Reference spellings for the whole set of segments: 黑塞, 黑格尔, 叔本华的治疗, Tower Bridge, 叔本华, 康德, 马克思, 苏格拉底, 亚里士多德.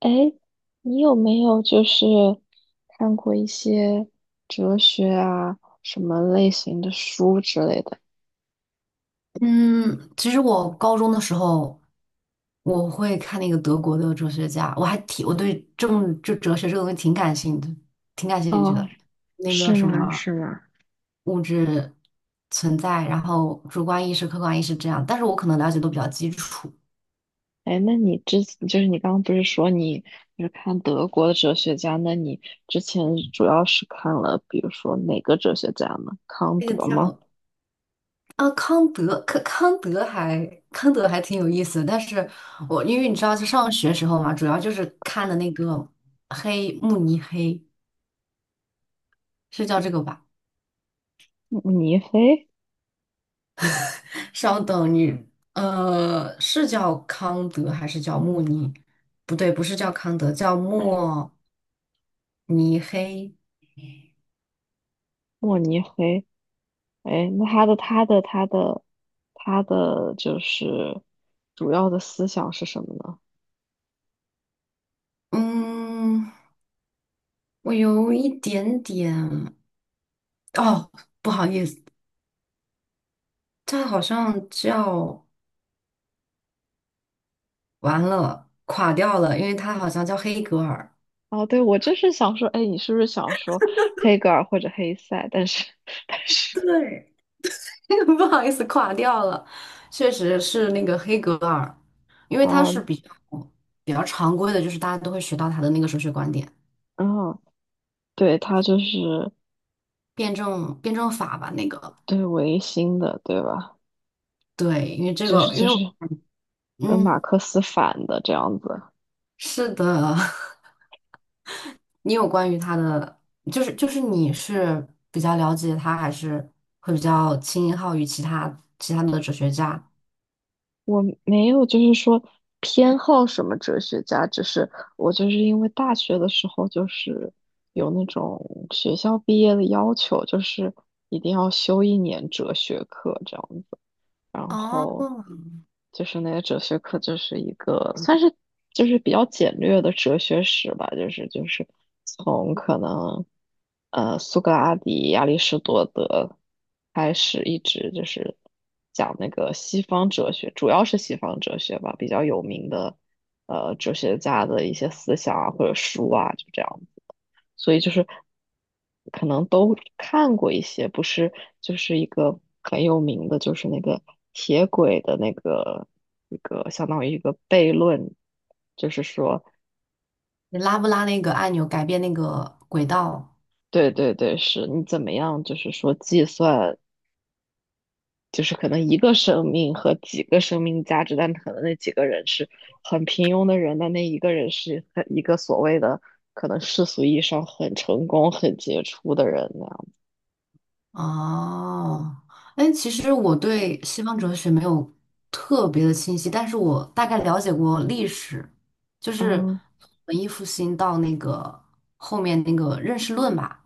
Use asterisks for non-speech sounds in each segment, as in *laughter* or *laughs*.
哎，你有没有就是看过一些哲学啊，什么类型的书之类的？嗯，其实我高中的时候，我会看那个德国的哲学家，我还挺，我对政就哲学这个东西挺感兴趣的，挺感兴趣哦，的。那个是什吗？么是吗？物质存在，然后主观意识、客观意识这样，但是我可能了解都比较基础。哎，那你就是你刚刚不是说你就是看德国的哲学家？那你之前主要是看了，比如说哪个哲学家呢？康那个德吗？叫啊康德，康德还挺有意思的，但是我因为你知道，就上学时候嘛，主要就是看的那个黑慕尼黑，是叫这个吧？慕尼黑？稍等你，是叫康德还是叫慕尼？不对，不是叫康德，叫莫尼黑。慕尼黑？哎，那他的他的就是主要的思想是什么呢？嗯，我有一点点，哦，不好意思，他好像叫完了，垮掉了，因为他好像叫黑格尔。哦，对，我就是想说，哎，你是不是想说黑格尔或者黑塞？但是，*laughs* 但是，对，*laughs* 不好意思，垮掉了，确实是那个黑格尔，因为他哦，是比较常规的，就是大家都会学到他的那个哲学观点。嗯，对，他就是辩证法吧，那个对维新的，对吧？对，因为这就是个，因就为是我跟马嗯，克思反的这样子。是的，*laughs* 你有关于他的，就是你是比较了解他，还是会比较倾向于其他的哲学家？我没有就是说偏好什么哲学家，只是我就是因为大学的时候就是有那种学校毕业的要求，就是一定要修1年哲学课这样子。然后哦，就是那个哲学课就是一个算是就是比较简略的哲学史吧，就是从可能苏格拉底、亚里士多德开始，一直就是讲那个西方哲学，主要是西方哲学吧，比较有名的哲学家的一些思想啊或者书啊，就这样。所以就是可能都看过一些，不是就是一个很有名的，就是那个铁轨的那个一个相当于一个悖论，就是说，你拉不拉那个按钮改变那个轨道？对对对，是你怎么样，就是说计算，就是可能一个生命和几个生命价值，但可能那几个人是很平庸的人，但那一个人是很一个所谓的可能世俗意义上很成功、很杰出的人那样，哦，哎，其实我对西方哲学没有特别的清晰，但是我大概了解过历史，就是嗯文艺复兴到那个后面那个认识论吧。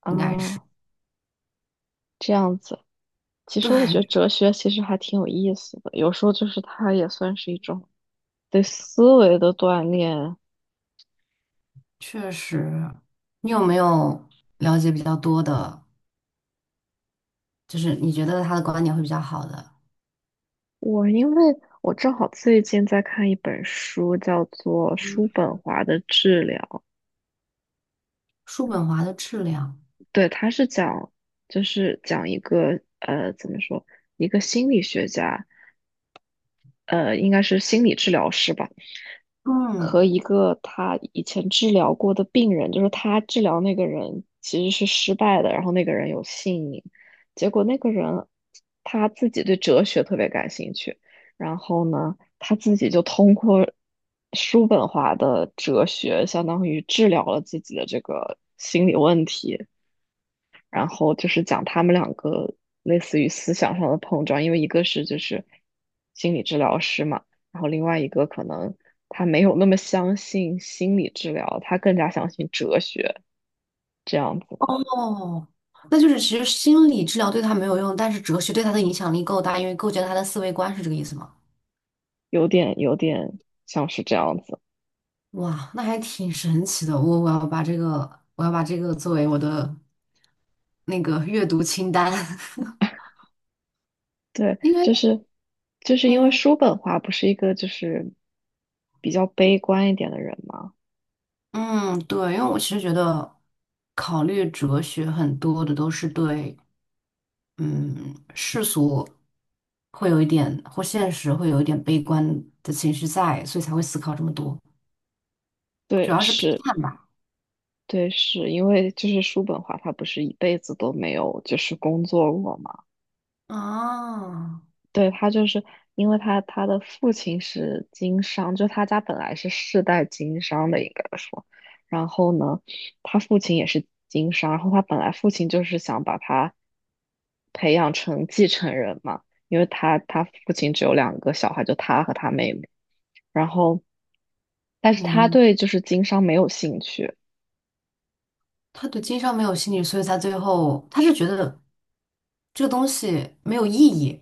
啊，这样子。其实我觉得对，哲学其实还挺有意思的，有时候就是它也算是一种对思维的锻炼。*laughs* 确实。你有没有了解比较多的，就是你觉得他的观点会比较好的？我因为我正好最近在看一本书，叫做《叔本华的治疗》，叔本华的质量，对，它是讲就是讲一个怎么说一个心理学家，应该是心理治疗师吧，嗯，和一个他以前治疗过的病人，就是他治疗那个人其实是失败的，然后那个人有性瘾，结果那个人他自己对哲学特别感兴趣，然后呢，他自己就通过叔本华的哲学，相当于治疗了自己的这个心理问题。然后就是讲他们两个类似于思想上的碰撞，因为一个是就是心理治疗师嘛，然后另外一个可能他没有那么相信心理治疗，他更加相信哲学这样子的，哦，那就是其实心理治疗对他没有用，但是哲学对他的影响力够大，因为构建了他的思维观，是这个意思吗？有点像是这样子。哇，那还挺神奇的。我要把这个，我要把这个作为我的那个阅读清单，*laughs* 对，因为就是因为嗯叔本华不是一个就是比较悲观一点的人嘛，嗯，对，因为我其实觉得考虑哲学很多的都是对嗯世俗会有一点或现实会有一点悲观的情绪在，所以才会思考这么多，主对，要是批是。判吧。对，是因为就是叔本华他不是一辈子都没有就是工作过嘛，啊，对，他就是因为他的父亲是经商，就他家本来是世代经商的，应该说。然后呢，他父亲也是经商，然后他本来父亲就是想把他培养成继承人嘛，因为他父亲只有两个小孩，就他和他妹妹。然后，但是明他白对就是经商没有兴趣，他对经商没有兴趣，所以他最后他是觉得这个东西没有意义。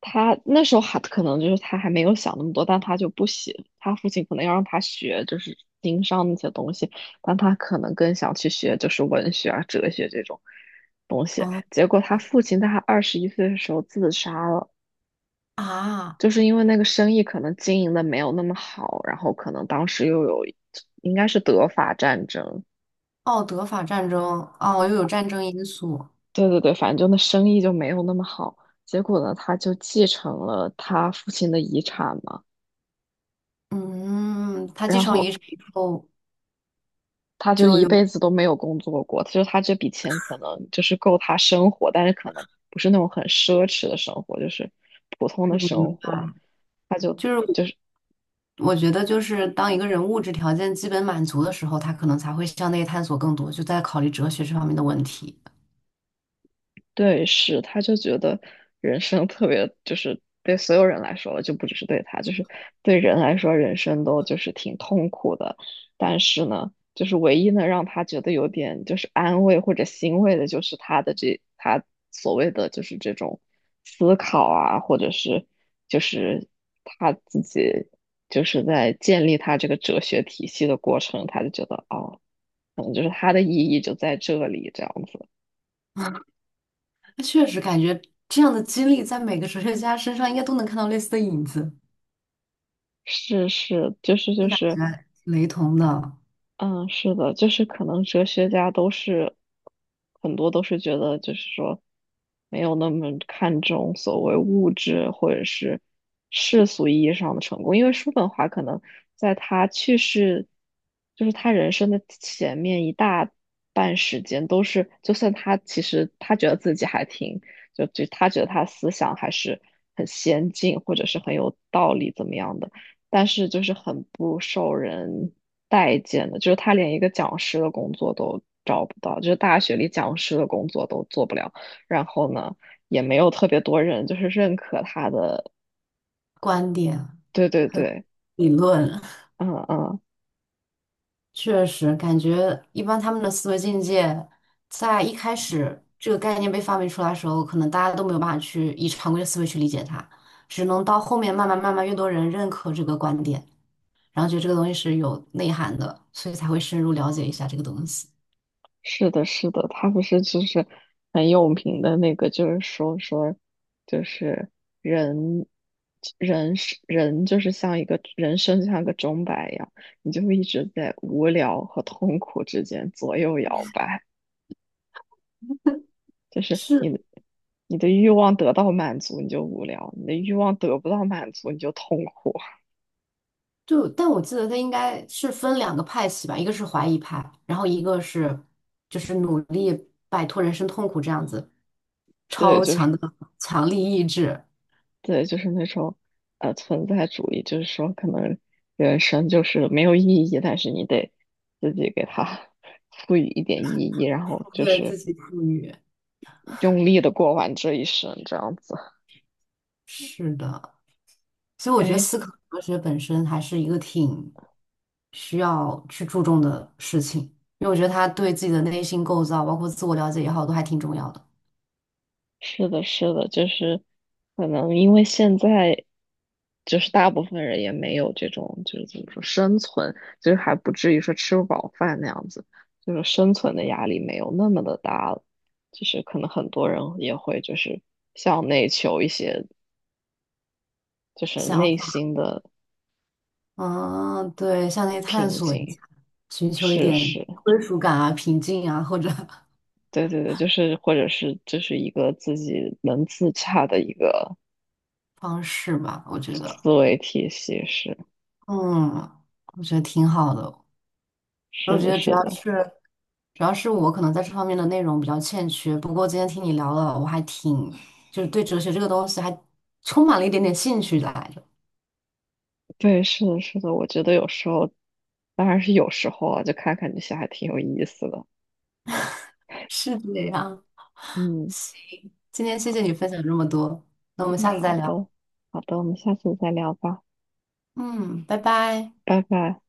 他那时候还可能就是他还没有想那么多，但他就不喜，他父亲可能要让他学就是经商那些东西，但他可能更想去学就是文学啊、哲学这种东西。哦结果他父亲在他21岁的时候自杀了，啊，就是因为那个生意可能经营的没有那么好，然后可能当时又有应该是德法战争，奥德法战争哦，又有战争因素。对对对，反正就那生意就没有那么好。结果呢，他就继承了他父亲的遗产嘛。嗯，他继然承遗后产以后他就就一有辈子都没有工作过，就是他这笔钱可能就是够他生活，但是可能不是那种很奢侈的生活，就是普通的生明活。白，他就就是我就是。觉得就是当一个人物质条件基本满足的时候，他可能才会向内探索更多，就在考虑哲学这方面的问题。对，是，他就觉得人生特别，就是对所有人来说了就不只是对他，就是对人来说，人生都就是挺痛苦的。但是呢，就是唯一能让他觉得有点就是安慰或者欣慰的，就是他的这他所谓的就是这种思考啊，或者是就是他自己就是在建立他这个哲学体系的过程，他就觉得哦，可能就是他的意义就在这里，这样子。那确实感觉这样的经历在每个哲学家身上应该都能看到类似的影子，是是，就是就就感是，觉雷同的嗯，是的，就是可能哲学家都是很多都是觉得，就是说没有那么看重所谓物质或者是世俗意义上的成功，因为叔本华可能在他去世，就是他人生的前面一大半时间都是，就算他其实他觉得自己还挺，就他觉得他思想还是很先进或者是很有道理怎么样的，但是就是很不受人。待见的，就是他连一个讲师的工作都找不到，就是大学里讲师的工作都做不了。然后呢，也没有特别多人就是认可他的。观点对对对，理论。嗯嗯，确实，感觉一般他们的思维境界，在一开始这个概念被发明出来的时候，可能大家都没有办法去以常规的思维去理解它，只能到后面慢慢越多人认可这个观点，然后觉得这个东西是有内涵的，所以才会深入了解一下这个东西。是的，是的，他不是就是很有名的那个，就是说说就是人。人是人，就是像一个人生，就像个钟摆一样，你就会一直在无聊和痛苦之间左右摇摆。就是是，你的欲望得到满足，你就无聊；你的欲望得不到满足，你就痛苦。就，但我记得他应该是分两个派系吧，一个是怀疑派，然后一个是就是努力摆脱人生痛苦这样子，*laughs* 对，超就强是的强力意志，对，就是那种存在主义，就是说可能人生就是没有意义，但是你得自己给它 *laughs* 赋予一点意义，然后就对是自己赋予。用力的过完这一生，这样子。是的，所以我觉得哎，思考哲学本身还是一个挺需要去注重的事情，因为我觉得它对自己的内心构造，包括自我了解也好，都还挺重要的。是的，是的，就是可能因为现在就是大部分人也没有这种就是怎么说生存，就是还不至于说吃不饱饭那样子，就是生存的压力没有那么的大了，就是可能很多人也会就是向内求一些就是想内法，心的嗯，对，向内探平索一静。下，寻求一是点是，归属感啊、平静啊，或者 *laughs* 对对对，就是或者是就是一个自己能自洽的一个方式吧，我觉得，思维体系，是嗯，我觉得挺好的。我是觉的，得只是要的。是主要是我可能在这方面的内容比较欠缺，不过今天听你聊了，我还挺，就是对哲学这个东西还充满了一点点兴趣来着。对，是的，是的，我觉得有时候，当然是有时候啊，就看看这些还挺有意思的。是这样，嗯今天谢谢你分享这么多，那我们嗯，下次好再聊。的，好的，我们下次再聊吧，嗯，拜拜。拜拜。